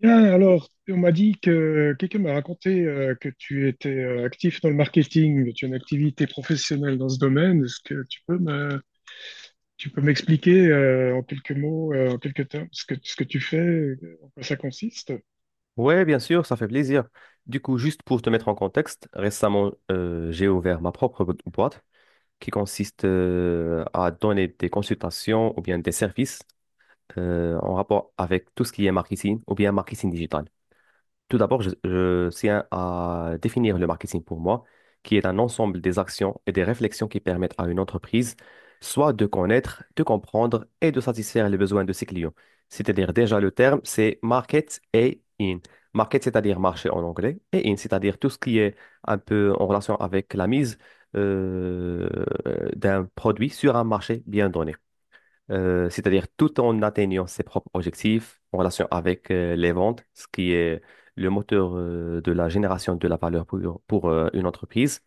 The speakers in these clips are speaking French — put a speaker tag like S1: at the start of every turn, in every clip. S1: Bien, alors, on m'a dit que quelqu'un m'a raconté que tu étais actif dans le marketing, que tu as une activité professionnelle dans ce domaine. Est-ce que tu peux m'expliquer en quelques mots, en quelques termes, ce que tu fais, en quoi ça consiste?
S2: Ouais, bien sûr, ça fait plaisir. Du coup, juste pour te mettre en contexte, récemment, j'ai ouvert ma propre boîte qui consiste à donner des consultations ou bien des services en rapport avec tout ce qui est marketing ou bien marketing digital. Tout d'abord, je tiens à définir le marketing pour moi, qui est un ensemble des actions et des réflexions qui permettent à une entreprise soit de connaître, de comprendre et de satisfaire les besoins de ses clients. C'est-à-dire déjà le terme, c'est market et in. Market, c'est-à-dire marché en anglais, et in, c'est-à-dire tout ce qui est un peu en relation avec la mise euh, d'un produit sur un marché bien donné, c'est-à-dire tout en atteignant ses propres objectifs en relation avec les ventes, ce qui est le moteur de la génération de la valeur pour une entreprise.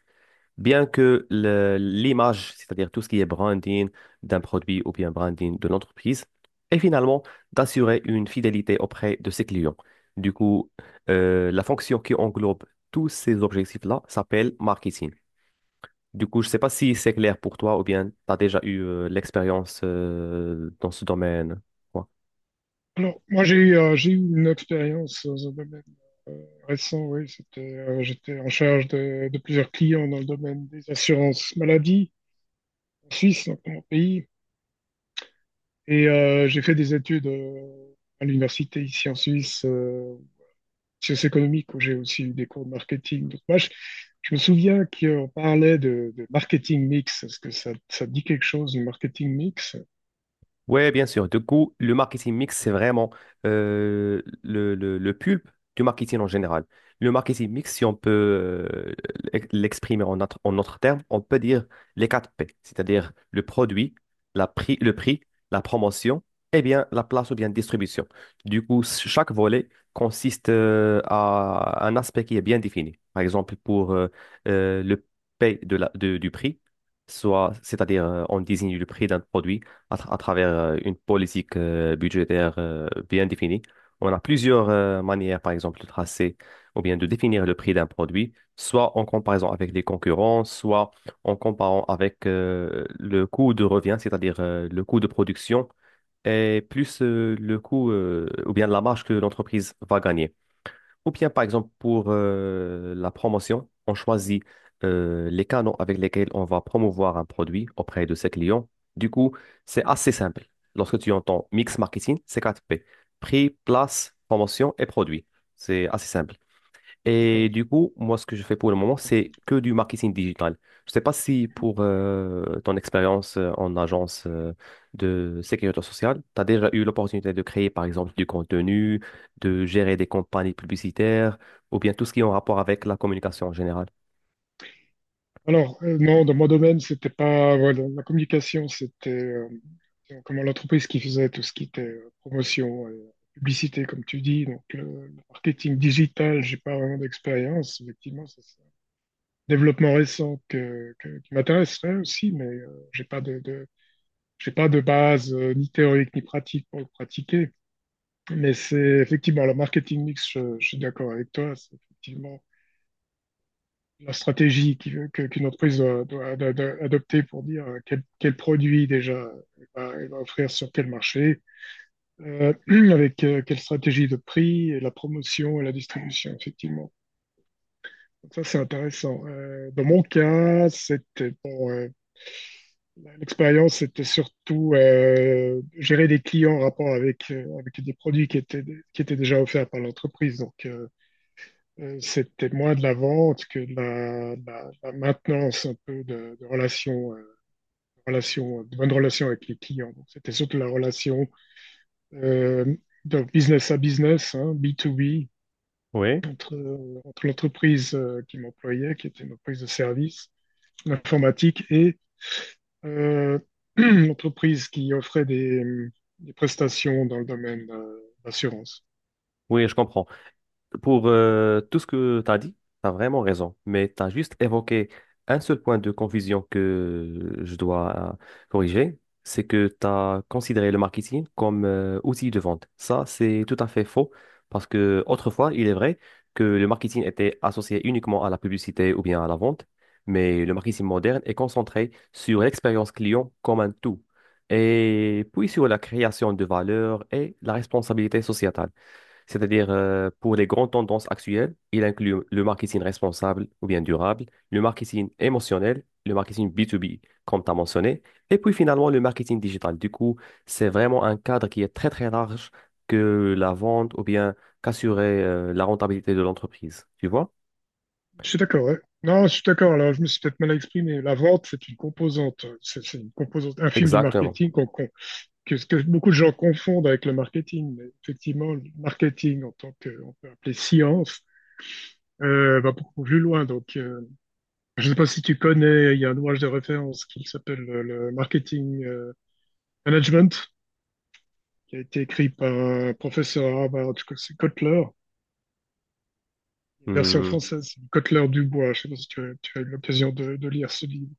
S2: Bien que l'image, c'est-à-dire tout ce qui est branding d'un produit ou bien branding de l'entreprise, et finalement d'assurer une fidélité auprès de ses clients. Du coup, la fonction qui englobe tous ces objectifs-là s'appelle marketing. Du coup, je sais pas si c'est clair pour toi ou bien tu as déjà eu l'expérience dans ce domaine. Ouais.
S1: Alors, moi, j'ai eu une expérience dans un domaine euh, récent, oui, j'étais en charge de plusieurs clients dans le domaine des assurances maladie en Suisse, donc dans mon pays. Et j'ai fait des études à l'université ici en Suisse, sciences économiques, où j'ai aussi eu des cours de marketing. Donc je me souviens qu'on parlait de marketing mix. Est-ce que ça te dit quelque chose, le marketing mix?
S2: Ouais, bien sûr. Du coup, le marketing mix, c'est vraiment le pulpe du marketing en général. Le marketing mix, si on peut euh, l'exprimer en notre terme, on peut dire les 4 P, c'est-à-dire le produit, le prix, la promotion, et bien la place ou bien distribution. Du coup, chaque volet consiste à un aspect qui est bien défini. Par exemple, pour le P de du prix, soit, c'est-à-dire on désigne le prix d'un produit à travers une politique budgétaire bien définie. On a plusieurs manières, par exemple, de tracer ou bien de définir le prix d'un produit, soit en comparaison avec les concurrents, soit en comparant avec le coût de revient, c'est-à-dire le coût de production, et plus le coût ou bien la marge que l'entreprise va gagner. Ou bien, par exemple, pour la promotion, on choisit les canaux avec lesquels on va promouvoir un produit auprès de ses clients. Du coup, c'est assez simple. Lorsque tu entends mix marketing, c'est quatre p, prix, place, promotion et produit. C'est assez simple. Et
S1: D'accord.
S2: du coup, moi, ce que je fais pour le moment, c'est que du marketing digital. Je ne sais pas si pour ton expérience en agence de sécurité sociale, tu as déjà eu l'opportunité de créer, par exemple, du contenu, de gérer des campagnes publicitaires, ou bien tout ce qui est en rapport avec la communication en général.
S1: Alors, non, dans mon domaine, c'était pas, voilà, la communication, c'était comment l'entreprise qui faisait tout ce qui était promotion, et publicité, comme tu dis. Donc, le marketing digital, j'ai pas vraiment d'expérience. Effectivement, développement récent qui m'intéresserait aussi, mais j'ai pas de base ni théorique ni pratique pour le pratiquer. Mais c'est effectivement le marketing mix, je suis d'accord avec toi, c'est effectivement la stratégie qu'une entreprise doit adopter pour dire quel produit déjà elle va offrir sur quel marché, euh, avec quelle stratégie de prix, et la promotion et la distribution, effectivement. Donc ça, c'est intéressant. Dans mon cas, l'expérience, c'était surtout gérer des clients en rapport avec, avec des produits qui étaient déjà offerts par l'entreprise. Donc, c'était moins de la vente que de la maintenance un peu de relations, de bonnes relations avec les clients. Donc, c'était surtout la relation euh, de business à business, hein, B2B,
S2: Oui.
S1: entre, entre l'entreprise qui m'employait, qui était une entreprise de service, l'informatique, et Euh, entreprise qui offrait des prestations dans le domaine de l'assurance.
S2: Oui, je comprends. Pour tout ce que tu as dit, tu as vraiment raison, mais tu as juste évoqué un seul point de confusion que je dois corriger, c'est que tu as considéré le marketing comme outil de vente. Ça, c'est tout à fait faux, parce que autrefois, il est vrai que le marketing était associé uniquement à la publicité ou bien à la vente, mais le marketing moderne est concentré sur l'expérience client comme un tout, et puis sur la création de valeur et la responsabilité sociétale. C'est-à-dire, pour les grandes tendances actuelles, il inclut le marketing responsable ou bien durable, le marketing émotionnel, le marketing B2B, comme tu as mentionné, et puis finalement le marketing digital. Du coup, c'est vraiment un cadre qui est très très large que la vente ou bien qu'assurer la rentabilité de l'entreprise. Tu vois?
S1: Je suis d'accord, ouais. Non, je suis d'accord. Alors, je me suis peut-être mal exprimé. La vente, c'est une composante, c'est une composante infime du
S2: Exactement.
S1: marketing que beaucoup de gens confondent avec le marketing. Mais effectivement, le marketing en tant que, on peut appeler science, va beaucoup plus loin. Donc, je ne sais pas si tu connais, il y a un ouvrage de référence qui s'appelle le marketing management, qui a été écrit par un professeur à Harvard, je crois que c'est Kotler, version
S2: Hmm.
S1: française, c'est Cotler Dubois. Je ne sais pas si tu as eu l'occasion de lire ce livre.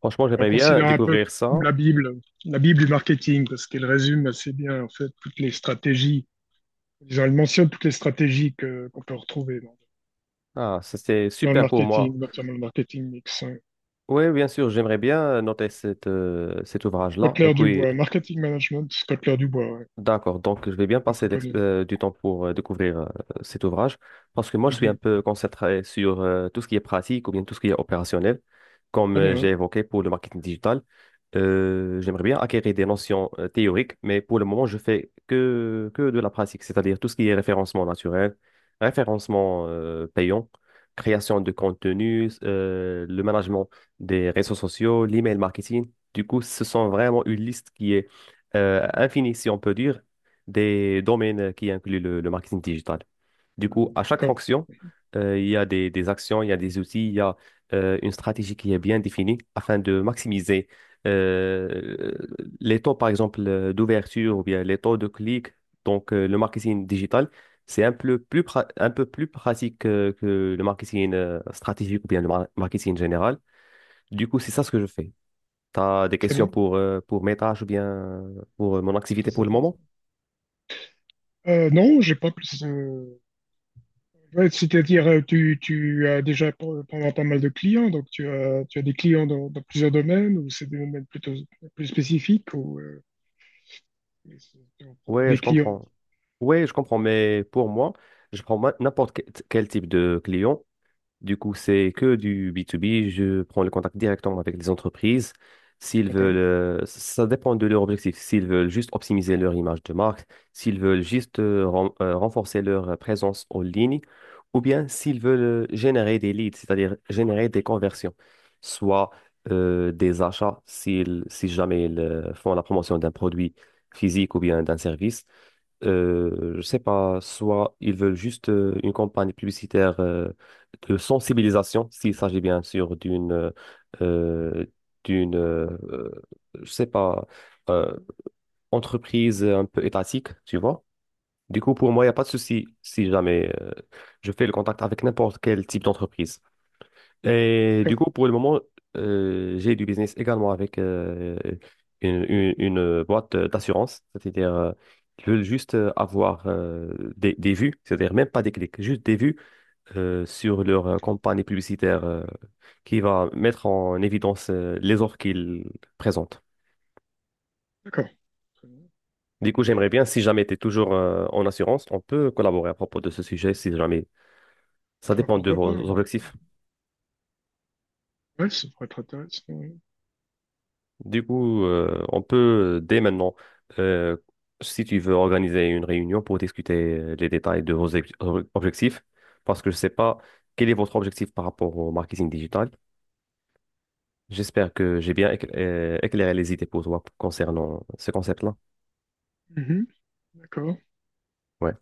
S2: Franchement,
S1: On le
S2: j'aimerais bien
S1: considère un peu
S2: découvrir
S1: comme
S2: ça.
S1: la Bible du marketing, parce qu'elle résume assez bien en fait toutes les stratégies. Disons, elle mentionne toutes les stratégies qu'on peut retrouver
S2: Ah, ça c'est
S1: dans le
S2: super pour moi.
S1: marketing, notamment le marketing mix, hein.
S2: Oui, bien sûr, j'aimerais bien noter cet ouvrage-là. Et
S1: Kotler
S2: puis,
S1: Dubois, marketing management, Kotler Dubois, ouais,
S2: d'accord, donc je vais bien
S1: c'est
S2: passer
S1: très connu.
S2: du temps pour découvrir cet ouvrage, parce que moi je suis un
S1: Mhm.
S2: peu concentré sur tout ce qui est pratique ou bien tout ce qui est opérationnel, comme
S1: Très bien,
S2: j'ai
S1: hein.
S2: évoqué pour le marketing digital. J'aimerais bien acquérir des notions théoriques, mais pour le moment je fais que de la pratique, c'est-à-dire tout ce qui est référencement naturel, référencement payant, création de contenu, le management des réseaux sociaux, l'email marketing. Du coup, ce sont vraiment une liste infini, si on peut dire, des domaines qui incluent le marketing digital. Du coup, à chaque
S1: D'accord,
S2: fonction, il y a des actions, il y a des outils, il y a une stratégie qui est bien définie afin de maximiser euh, les taux, par exemple, d'ouverture ou bien les taux de clic. Donc, le marketing digital, c'est un peu plus, un peu plus pratique que le marketing stratégique ou bien le marketing général. Du coup, c'est ça ce que je fais. Tu as des
S1: très
S2: questions
S1: bien,
S2: pour mes tâches ou bien pour mon activité
S1: très
S2: pour le moment?
S1: intéressant. Non, j'ai pas plus. Ouais, c'est-à-dire, tu as déjà pendant pas mal de clients, donc tu as des clients dans plusieurs domaines, ou c'est des domaines plutôt plus spécifiques, ou c'est au propos
S2: Ouais,
S1: des
S2: je
S1: clients.
S2: comprends. Ouais, je comprends, mais pour moi, je prends quel type de client. Du coup, c'est que du B2B. Je prends le contact directement avec les entreprises. S'ils
S1: D'accord,
S2: veulent, ça dépend de leur objectif. S'ils veulent juste optimiser leur image de marque, s'ils veulent juste renforcer leur présence en ligne, ou bien s'ils veulent générer des leads, c'est-à-dire générer des conversions, soit des achats, si jamais ils font la promotion d'un produit physique ou bien d'un service. Je sais pas, soit ils veulent juste une campagne publicitaire de sensibilisation, s'il s'agit bien sûr euh, d'une je sais pas euh, entreprise un peu étatique, tu vois. Du coup, pour moi, il n'y a pas de souci si jamais je fais le contact avec n'importe quel type d'entreprise. Et du
S1: d'accord,
S2: coup, pour le moment, j'ai du business également avec une boîte d'assurance, c'est-à-dire ils veulent juste avoir des vues, c'est-à-dire même pas des clics, juste des vues sur leur campagne publicitaire qui va mettre en évidence les offres qu'ils présentent.
S1: d'accord. Très bien.
S2: Du coup, j'aimerais bien, si jamais tu es toujours en assurance, on peut collaborer à propos de ce sujet, si jamais. Ça
S1: Ah,
S2: dépend de
S1: pourquoi pas, hein?
S2: vos objectifs.
S1: Ouais, ça pourrait être intéressant, ouais.
S2: Du coup, on peut dès maintenant, euh, si tu veux organiser une réunion pour discuter les détails de vos objectifs, parce que je ne sais pas quel est votre objectif par rapport au marketing digital. J'espère que j'ai bien éclairé les idées pour toi concernant ce concept-là.
S1: Mhm. D'accord,
S2: Ouais.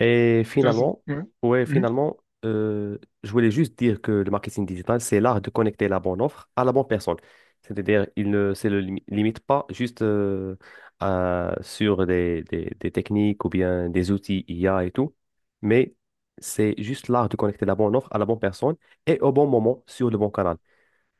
S2: Et
S1: intéressant.
S2: finalement,
S1: Ouais.
S2: ouais,
S1: Mhm.
S2: finalement, je voulais juste dire que le marketing digital, c'est l'art de connecter la bonne offre à la bonne personne. C'est-à-dire, il ne se le limite pas juste sur des, des techniques ou bien des outils IA et tout, mais c'est juste l'art de connecter la bonne offre à la bonne personne et au bon moment sur le bon canal.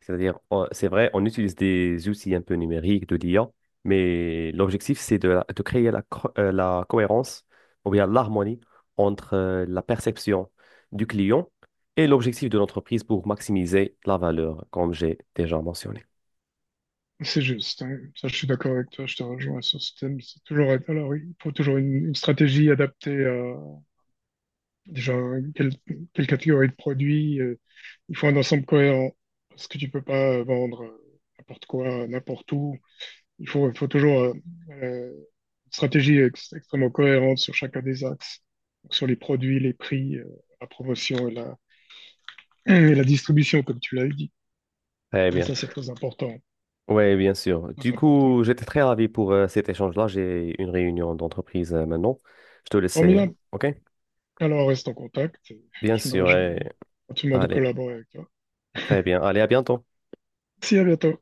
S2: C'est-à-dire, c'est vrai, on utilise des outils un peu numériques de l'IA, mais l'objectif, c'est de créer la cohérence ou bien l'harmonie entre la perception du client et l'objectif de l'entreprise pour maximiser la valeur, comme j'ai déjà mentionné.
S1: C'est juste, hein. Ça, je suis d'accord avec toi, je te rejoins sur ce thème. C'est toujours, alors, oui, il faut toujours une stratégie adaptée à déjà quelle, quelle catégorie de produits. Il faut un ensemble cohérent, parce que tu peux pas vendre n'importe quoi, n'importe où. Il faut toujours euh, une stratégie extrêmement cohérente sur chacun des axes, donc, sur les produits, les prix, la promotion et la distribution, comme tu l'as dit.
S2: Très
S1: Et
S2: bien.
S1: ça, c'est très important,
S2: Oui, bien sûr.
S1: très
S2: Du
S1: important.
S2: coup, j'étais très ravi pour cet échange-là. J'ai une réunion d'entreprise maintenant. Je te laisse,
S1: Formidable.
S2: OK?
S1: Alors, reste en contact.
S2: Bien
S1: Je me
S2: sûr.
S1: réjouis gentiment de
S2: Allez.
S1: collaborer avec toi.
S2: Très bien. Allez, à bientôt.
S1: Merci, à bientôt.